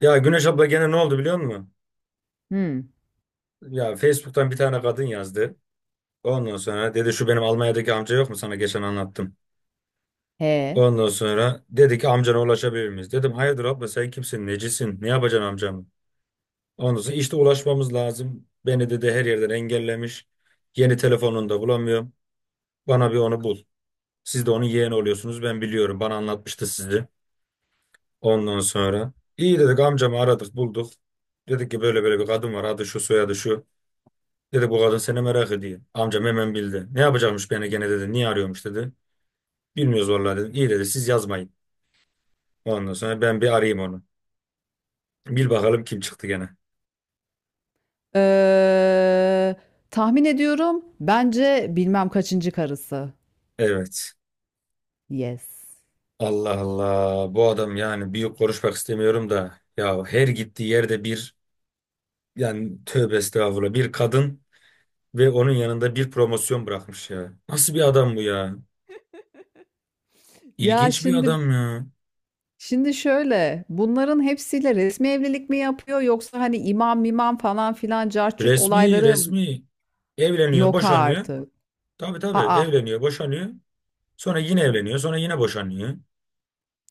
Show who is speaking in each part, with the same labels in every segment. Speaker 1: Ya Güneş abla gene ne oldu biliyor musun?
Speaker 2: Hmm.
Speaker 1: Ya Facebook'tan bir tane kadın yazdı. Ondan sonra dedi şu benim Almanya'daki amca yok mu sana geçen anlattım.
Speaker 2: He.
Speaker 1: Ondan sonra dedi ki amcana ulaşabilir miyiz? Dedim hayırdır abla sen kimsin necisin ne yapacaksın amcamı? Ondan sonra işte ulaşmamız lazım. Beni dedi her yerden engellemiş. Yeni telefonunu da bulamıyorum. Bana bir onu bul. Siz de onun yeğeni oluyorsunuz ben biliyorum bana anlatmıştı sizi. Ondan sonra iyi dedik amcamı aradık bulduk. Dedik ki böyle böyle bir kadın var adı şu soyadı şu. Dedi bu kadın seni merak ediyor. Amcam hemen bildi. Ne yapacakmış beni gene dedi. Niye arıyormuş dedi. Bilmiyoruz vallahi dedim. İyi dedi siz yazmayın. Ondan sonra ben bir arayayım onu. Bil bakalım kim çıktı gene.
Speaker 2: Ee, Tahmin ediyorum. Bence bilmem kaçıncı karısı.
Speaker 1: Evet.
Speaker 2: Yes.
Speaker 1: Allah Allah. Bu adam yani büyük konuşmak istemiyorum da. Ya her gittiği yerde bir yani tövbe estağfurullah bir kadın ve onun yanında bir promosyon bırakmış ya. Nasıl bir adam bu ya?
Speaker 2: Ya
Speaker 1: İlginç bir
Speaker 2: şimdi
Speaker 1: adam ya.
Speaker 2: şimdi şöyle. Bunların hepsiyle resmi evlilik mi yapıyor yoksa hani imam mimam falan filan carçurt
Speaker 1: Resmi
Speaker 2: olayları
Speaker 1: resmi evleniyor
Speaker 2: yok
Speaker 1: boşanıyor.
Speaker 2: artık.
Speaker 1: Tabii tabii
Speaker 2: Aa.
Speaker 1: evleniyor boşanıyor. Sonra yine evleniyor, sonra yine boşanıyor.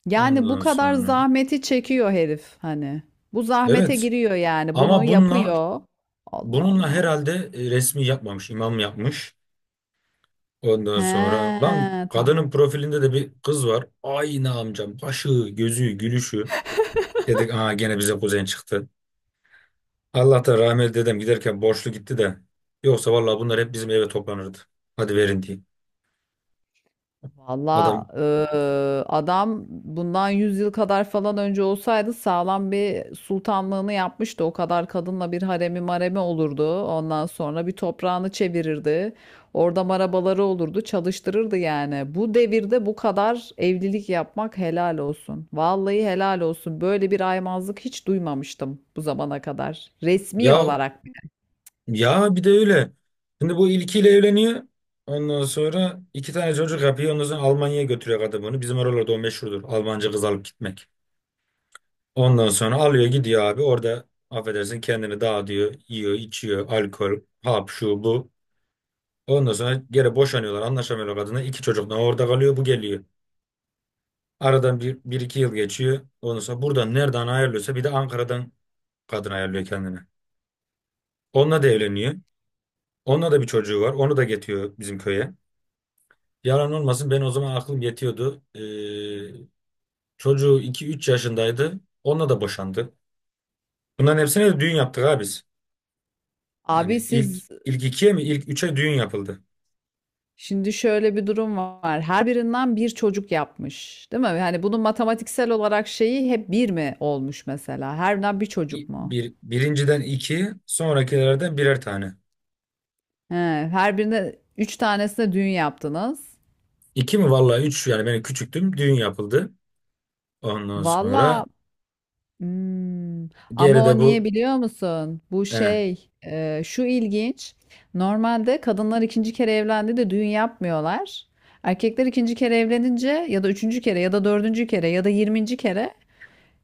Speaker 2: Yani bu
Speaker 1: Ondan
Speaker 2: kadar
Speaker 1: sonra.
Speaker 2: zahmeti çekiyor herif hani. Bu zahmete
Speaker 1: Evet.
Speaker 2: giriyor yani. Bunu
Speaker 1: Ama bununla
Speaker 2: yapıyor. Allah
Speaker 1: bununla
Speaker 2: Allah.
Speaker 1: herhalde resmi yapmamış, imam yapmış. Ondan
Speaker 2: He,
Speaker 1: sonra lan
Speaker 2: tamam.
Speaker 1: kadının profilinde de bir kız var. Aynı amcam. Başı, gözü, gülüşü. Dedik aa gene bize kuzen çıktı. Allah da rahmet dedem giderken borçlu gitti de. Yoksa vallahi bunlar hep bizim eve toplanırdı. Hadi verin diye.
Speaker 2: Valla
Speaker 1: Adam
Speaker 2: adam bundan 100 yıl kadar falan önce olsaydı sağlam bir sultanlığını yapmıştı. O kadar kadınla bir haremi maremi olurdu. Ondan sonra bir toprağını çevirirdi. Orada marabaları olurdu, çalıştırırdı yani. Bu devirde bu kadar evlilik yapmak helal olsun. Vallahi helal olsun. Böyle bir aymazlık hiç duymamıştım bu zamana kadar. Resmi
Speaker 1: ya.
Speaker 2: olarak.
Speaker 1: Ya bir de öyle. Şimdi bu ilkiyle evleniyor. Ondan sonra iki tane çocuk yapıyor. Ondan sonra Almanya'ya götürüyor kadın bunu. Bizim oralarda o meşhurdur. Almanca kız alıp gitmek. Ondan sonra alıyor gidiyor abi. Orada affedersin kendini dağıtıyor. Yiyor, içiyor. Alkol, hap, şu, bu. Ondan sonra geri boşanıyorlar. Anlaşamıyorlar kadına. İki çocuk da orada kalıyor. Bu geliyor. Aradan bir iki yıl geçiyor. Ondan sonra buradan nereden ayarlıyorsa bir de Ankara'dan kadın ayarlıyor kendine. Onunla da evleniyor. Onunla da bir çocuğu var. Onu da getiriyor bizim köye. Yalan olmasın ben o zaman aklım yetiyordu. Çocuğu 2-3 yaşındaydı. Onunla da boşandı. Bunların hepsine de düğün yaptık abi biz.
Speaker 2: Abi
Speaker 1: Yani ilk
Speaker 2: siz
Speaker 1: ilk ikiye mi ilk üçe düğün yapıldı.
Speaker 2: Şimdi şöyle bir durum var. Her birinden bir çocuk yapmış, değil mi? Yani bunun matematiksel olarak şeyi hep bir mi olmuş mesela? Her birinden bir çocuk mu?
Speaker 1: Birinciden iki sonrakilerden birer tane.
Speaker 2: He, her birine üç tanesine düğün yaptınız.
Speaker 1: İki mi vallahi üç yani ben küçüktüm düğün yapıldı. Ondan
Speaker 2: Valla,
Speaker 1: sonra
Speaker 2: hmm, ama
Speaker 1: geride
Speaker 2: o niye
Speaker 1: bu
Speaker 2: biliyor musun? Bu
Speaker 1: eh,
Speaker 2: şey, şu ilginç. Normalde kadınlar ikinci kere evlendi de düğün yapmıyorlar. Erkekler ikinci kere evlenince ya da üçüncü kere ya da dördüncü kere ya da 20. kere.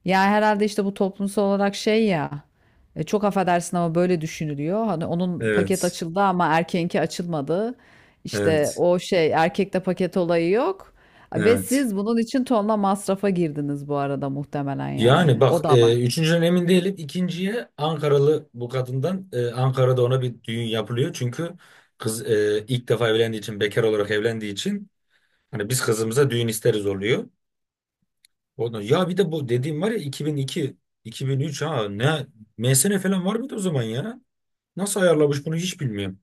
Speaker 2: Ya herhalde işte bu toplumsal olarak şey ya, çok affedersin ama böyle düşünülüyor. Hani onun paket
Speaker 1: evet
Speaker 2: açıldı ama erkeğinki açılmadı. İşte
Speaker 1: evet
Speaker 2: o şey erkekte paket olayı yok. Ve
Speaker 1: evet.
Speaker 2: siz bunun için tonla masrafa girdiniz bu arada muhtemelen
Speaker 1: Yani
Speaker 2: yani. O
Speaker 1: bak
Speaker 2: da var.
Speaker 1: üçüncüden emin değilim. İkinciye Ankaralı bu kadından Ankara'da ona bir düğün yapılıyor. Çünkü kız ilk defa evlendiği için bekar olarak evlendiği için hani biz kızımıza düğün isteriz oluyor. Ondan, ya bir de bu dediğim var ya 2002 2003 ha ne MSN falan var mıydı o zaman ya? Nasıl ayarlamış bunu hiç bilmiyorum.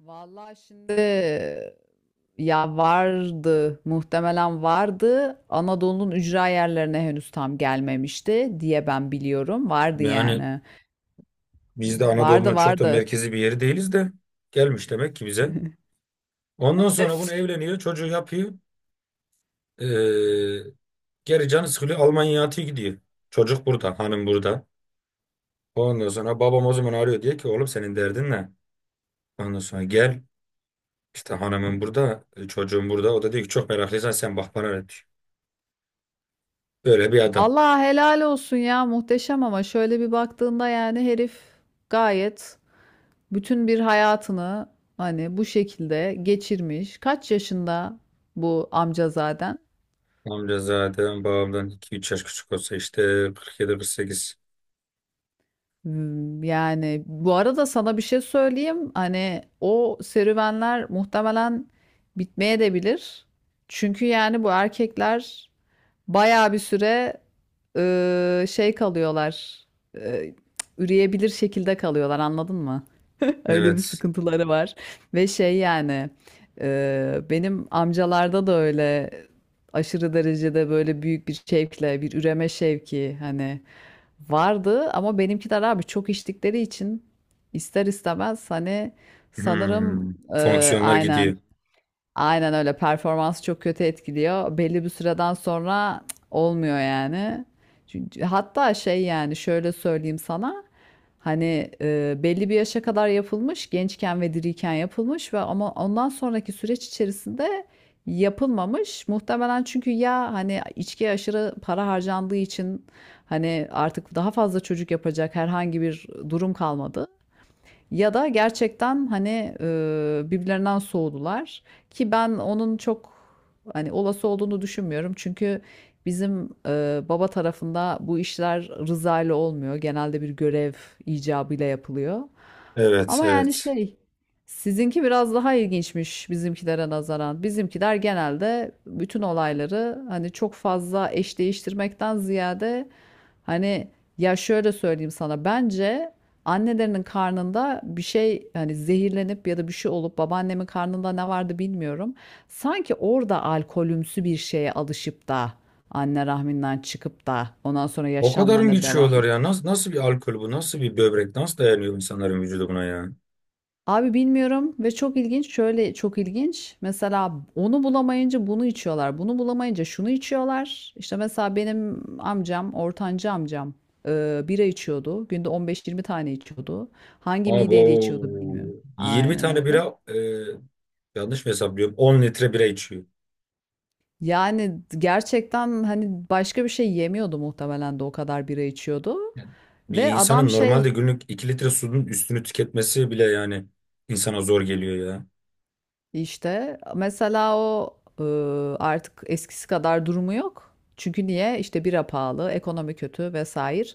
Speaker 2: Vallahi şimdi, ya vardı muhtemelen vardı. Anadolu'nun ücra yerlerine henüz tam gelmemişti diye ben biliyorum. Vardı
Speaker 1: Yani
Speaker 2: yani.
Speaker 1: biz de
Speaker 2: Vardı
Speaker 1: Anadolu'nun çok da
Speaker 2: vardı.
Speaker 1: merkezi bir yeri değiliz de gelmiş demek ki bize. Ondan sonra bunu evleniyor çocuğu yapıyor. Ee, Geri canı sıkılıyor. Almanya'ya atıyor gidiyor. Çocuk burada. Hanım burada. Ondan sonra babam o zaman arıyor. Diyor ki oğlum senin derdin ne? Ondan sonra gel. İşte hanımın burada. Çocuğum burada. O da diyor ki çok meraklıysan sen bak bana ne diyor. Böyle bir adam.
Speaker 2: Vallahi helal olsun ya, muhteşem, ama şöyle bir baktığında yani herif gayet bütün bir hayatını hani bu şekilde geçirmiş. Kaç yaşında bu amca zaten?
Speaker 1: Amca zaten babamdan iki 3 yaş küçük olsa işte 47 sekiz.
Speaker 2: Yani bu arada sana bir şey söyleyeyim. Hani o serüvenler muhtemelen bitmeye de bilir. Çünkü yani bu erkekler bayağı bir süre şey kalıyorlar. Eee, Üreyebilir şekilde kalıyorlar, anladın mı? Öyle bir
Speaker 1: Evet.
Speaker 2: sıkıntıları var. Ve şey yani, benim amcalarda da öyle aşırı derecede böyle büyük bir şevkle bir üreme şevki hani vardı, ama benimkiler abi çok içtikleri için ister istemez hani sanırım,
Speaker 1: Hmm.
Speaker 2: e,
Speaker 1: Fonksiyonlar
Speaker 2: aynen.
Speaker 1: gidiyor.
Speaker 2: Aynen öyle. Performansı çok kötü etkiliyor. Belli bir süreden sonra cık, olmuyor yani. Çünkü, hatta şey yani şöyle söyleyeyim sana. Hani, belli bir yaşa kadar yapılmış, gençken ve diriyken yapılmış ve ama ondan sonraki süreç içerisinde yapılmamış. Muhtemelen çünkü ya hani içkiye aşırı para harcandığı için hani artık daha fazla çocuk yapacak herhangi bir durum kalmadı. Ya da gerçekten hani, birbirlerinden soğudular ki ben onun çok hani olası olduğunu düşünmüyorum. Çünkü bizim, baba tarafında bu işler rıza ile olmuyor. Genelde bir görev icabıyla yapılıyor.
Speaker 1: Evet
Speaker 2: Ama yani
Speaker 1: evet.
Speaker 2: şey, sizinki biraz daha ilginçmiş bizimkilere nazaran. Bizimkiler genelde bütün olayları hani çok fazla eş değiştirmekten ziyade hani, ya şöyle söyleyeyim sana, bence annelerinin karnında bir şey hani zehirlenip ya da bir şey olup, babaannemin karnında ne vardı bilmiyorum. Sanki orada alkolümsü bir şeye alışıp da anne rahminden çıkıp da ondan sonra
Speaker 1: O kadar mı
Speaker 2: yaşamlarına devam
Speaker 1: geçiyorlar
Speaker 2: ediyor.
Speaker 1: ya? Nasıl, nasıl bir alkol bu? Nasıl bir böbrek? Nasıl dayanıyor insanların vücudu buna ya?
Speaker 2: Abi bilmiyorum, ve çok ilginç, şöyle çok ilginç. Mesela onu bulamayınca bunu içiyorlar. Bunu bulamayınca şunu içiyorlar. İşte mesela benim amcam, ortancı amcam, bira içiyordu. Günde 15-20 tane içiyordu. Hangi
Speaker 1: Abi o
Speaker 2: mideyle içiyordu bilmiyorum.
Speaker 1: 20
Speaker 2: Aynen
Speaker 1: tane bira
Speaker 2: öyle.
Speaker 1: yanlış mı hesaplıyorum? 10 litre bira içiyor.
Speaker 2: Yani gerçekten hani başka bir şey yemiyordu muhtemelen de o kadar bira içiyordu.
Speaker 1: Yani bir
Speaker 2: Ve adam
Speaker 1: insanın normalde
Speaker 2: şey
Speaker 1: günlük 2 litre suyun üstünü tüketmesi bile yani insana zor geliyor ya.
Speaker 2: İşte mesela o, artık eskisi kadar durumu yok. Çünkü niye? İşte bira pahalı, ekonomi kötü vesaire.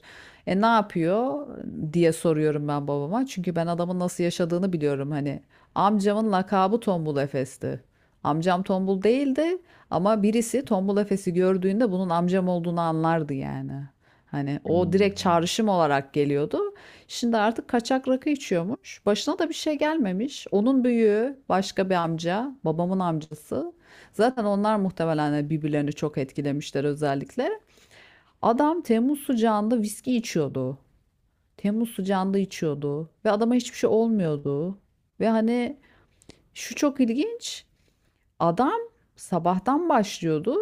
Speaker 2: E ne yapıyor diye soruyorum ben babama. Çünkü ben adamın nasıl yaşadığını biliyorum hani. Amcamın lakabı Tombul Efes'ti. Amcam tombul değildi ama birisi Tombul Efes'i gördüğünde bunun amcam olduğunu anlardı yani. Hani o direkt
Speaker 1: Hmm.
Speaker 2: çağrışım olarak geliyordu. Şimdi artık kaçak rakı içiyormuş. Başına da bir şey gelmemiş. Onun büyüğü başka bir amca, babamın amcası. Zaten onlar muhtemelen de birbirlerini çok etkilemişler özellikle. Adam Temmuz sıcağında viski içiyordu. Temmuz sıcağında içiyordu ve adama hiçbir şey olmuyordu. Ve hani şu çok ilginç. Adam sabahtan başlıyordu,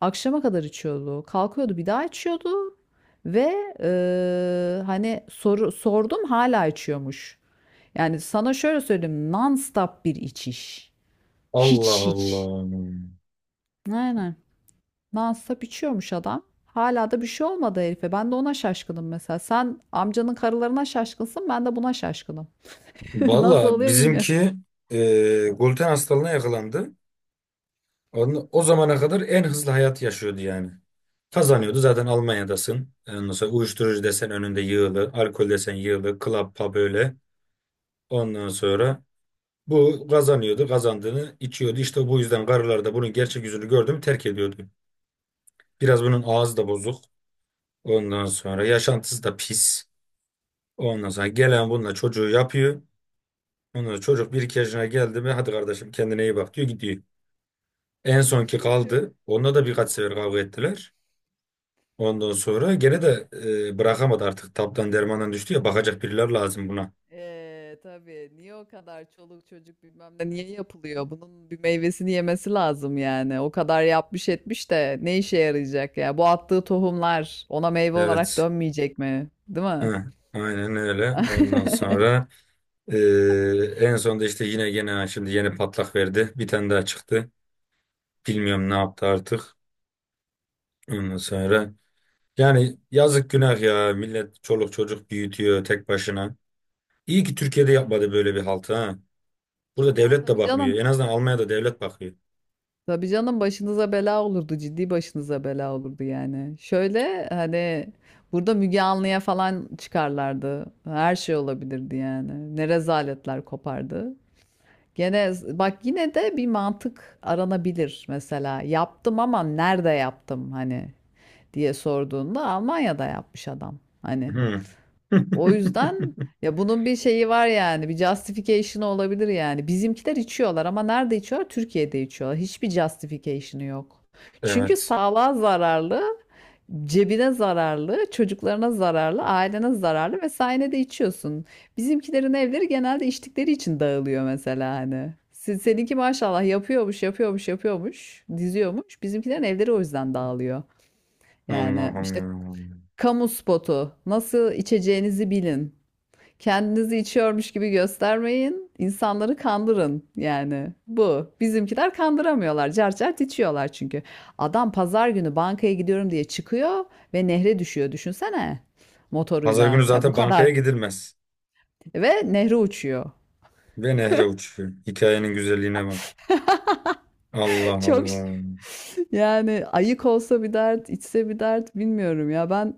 Speaker 2: akşama kadar içiyordu. Kalkıyordu, bir daha içiyordu ve hani sordum, hala içiyormuş. Yani sana şöyle söyleyeyim. Non-stop bir içiş.
Speaker 1: Allah
Speaker 2: Hiç hiç.
Speaker 1: Allah.
Speaker 2: Aynen. Non-stop içiyormuş adam. Hala da bir şey olmadı herife. Ben de ona şaşkınım mesela. Sen amcanın karılarına şaşkınsın, ben de buna şaşkınım. Nasıl
Speaker 1: Valla
Speaker 2: oluyor bilmiyorum.
Speaker 1: bizimki gluten hastalığına yakalandı. O zamana kadar en hızlı hayat yaşıyordu yani. Kazanıyordu zaten Almanya'dasın. Ondan sonra uyuşturucu desen önünde yığılı, alkol desen yığılı, club pub öyle. Ondan sonra bu kazanıyordu, kazandığını içiyordu. İşte bu yüzden karılar da bunun gerçek yüzünü gördü mü terk ediyordu. Biraz bunun ağzı da bozuk. Ondan sonra yaşantısı da pis. Ondan sonra gelen bununla çocuğu yapıyor. Ondan sonra çocuk bir iki yaşına geldi mi hadi kardeşim kendine iyi bak diyor gidiyor. En sonki
Speaker 2: Çok-
Speaker 1: kaldı. Onunla da birkaç sefer kavga ettiler. Ondan sonra gene de bırakamadı artık. Taptan dermandan düştü ya bakacak biriler lazım buna.
Speaker 2: Tabii. Niye o kadar çoluk çocuk bilmem ne niye yapılıyor? Bunun bir meyvesini yemesi lazım yani. O kadar yapmış etmiş de ne işe yarayacak ya? Bu attığı tohumlar ona meyve olarak
Speaker 1: Evet.
Speaker 2: dönmeyecek mi? Değil mi?
Speaker 1: Hı, aynen öyle. Ondan sonra. Ee, En sonunda işte yine şimdi yeni patlak verdi. Bir tane daha çıktı. Bilmiyorum ne yaptı artık. Ondan sonra yani yazık günah ya. Millet çoluk çocuk büyütüyor tek başına. İyi ki Türkiye'de
Speaker 2: Bazı
Speaker 1: yapmadı böyle bir haltı ha. Burada
Speaker 2: Ya
Speaker 1: devlet de
Speaker 2: tabii
Speaker 1: bakmıyor.
Speaker 2: canım.
Speaker 1: En azından Almanya'da devlet bakıyor.
Speaker 2: Tabii canım başınıza bela olurdu. Ciddi başınıza bela olurdu yani. Şöyle hani burada Müge Anlı'ya falan çıkarlardı. Her şey olabilirdi yani. Ne rezaletler kopardı. Gene bak yine de bir mantık aranabilir mesela. Yaptım ama nerede yaptım hani diye sorduğunda Almanya'da yapmış adam. Hani.
Speaker 1: Hı.
Speaker 2: O yüzden, ya bunun bir şeyi var yani, bir justification'ı olabilir yani. Bizimkiler içiyorlar ama nerede içiyorlar? Türkiye'de içiyorlar. Hiçbir justification'ı yok. Çünkü
Speaker 1: Evet.
Speaker 2: sağlığa zararlı, cebine zararlı, çocuklarına zararlı, ailene zararlı ve sen de içiyorsun. Bizimkilerin evleri genelde içtikleri için dağılıyor mesela hani. Seninki maşallah yapıyormuş, yapıyormuş, yapıyormuş, diziyormuş. Bizimkilerin evleri o yüzden dağılıyor.
Speaker 1: Allah
Speaker 2: Yani işte
Speaker 1: Allah.
Speaker 2: kamu spotu, nasıl içeceğinizi bilin. Kendinizi içiyormuş gibi göstermeyin. İnsanları kandırın yani. Bu. Bizimkiler kandıramıyorlar. Cart cart içiyorlar çünkü. Adam pazar günü bankaya gidiyorum diye çıkıyor ve nehre düşüyor, düşünsene,
Speaker 1: Pazar günü
Speaker 2: motoruyla. Ya bu
Speaker 1: zaten
Speaker 2: kadar.
Speaker 1: bankaya gidilmez.
Speaker 2: Ve nehre uçuyor.
Speaker 1: Ve nehre uçuyor. Hikayenin güzelliğine bak. Allah
Speaker 2: Çok
Speaker 1: Allah.
Speaker 2: Yani ayık olsa bir dert, içse bir dert, bilmiyorum ya. Ben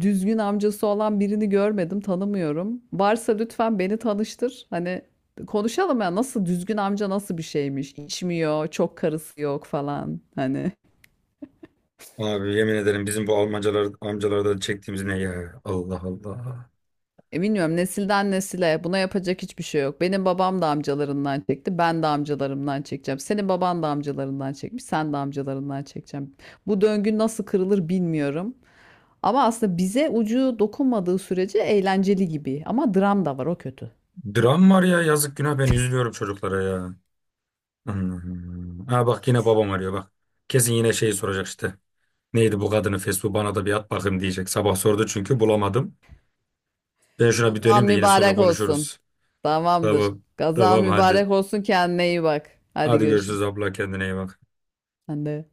Speaker 2: düzgün amcası olan birini görmedim, tanımıyorum. Varsa lütfen beni tanıştır. Hani konuşalım ya, nasıl düzgün amca, nasıl bir şeymiş? İçmiyor, çok karısı yok falan. Hani.
Speaker 1: Abi yemin ederim bizim bu Almancalar, amcalardan çektiğimiz ne ya? Allah Allah.
Speaker 2: Bilmiyorum, nesilden nesile buna yapacak hiçbir şey yok. Benim babam da amcalarından çekti, ben de amcalarımdan çekeceğim. Senin baban da amcalarından çekmiş, sen de amcalarından çekeceğim. Bu döngü nasıl kırılır bilmiyorum. Ama aslında bize ucu dokunmadığı sürece eğlenceli gibi. Ama dram da var, o kötü.
Speaker 1: Dram var ya yazık günah ben üzülüyorum çocuklara ya. Hmm. Ha bak yine babam arıyor bak. Kesin yine şeyi soracak işte. Neydi bu kadının Facebook'u bana da bir at bakayım diyecek. Sabah sordu çünkü bulamadım. Ben şuna bir
Speaker 2: Gazan
Speaker 1: döneyim de yine sonra
Speaker 2: mübarek olsun.
Speaker 1: konuşuruz.
Speaker 2: Tamamdır.
Speaker 1: Tamam.
Speaker 2: Gazan
Speaker 1: Tamam hadi.
Speaker 2: mübarek olsun, kendine iyi bak. Hadi
Speaker 1: Hadi görüşürüz
Speaker 2: görüşürüz.
Speaker 1: abla kendine iyi bak.
Speaker 2: Sen de.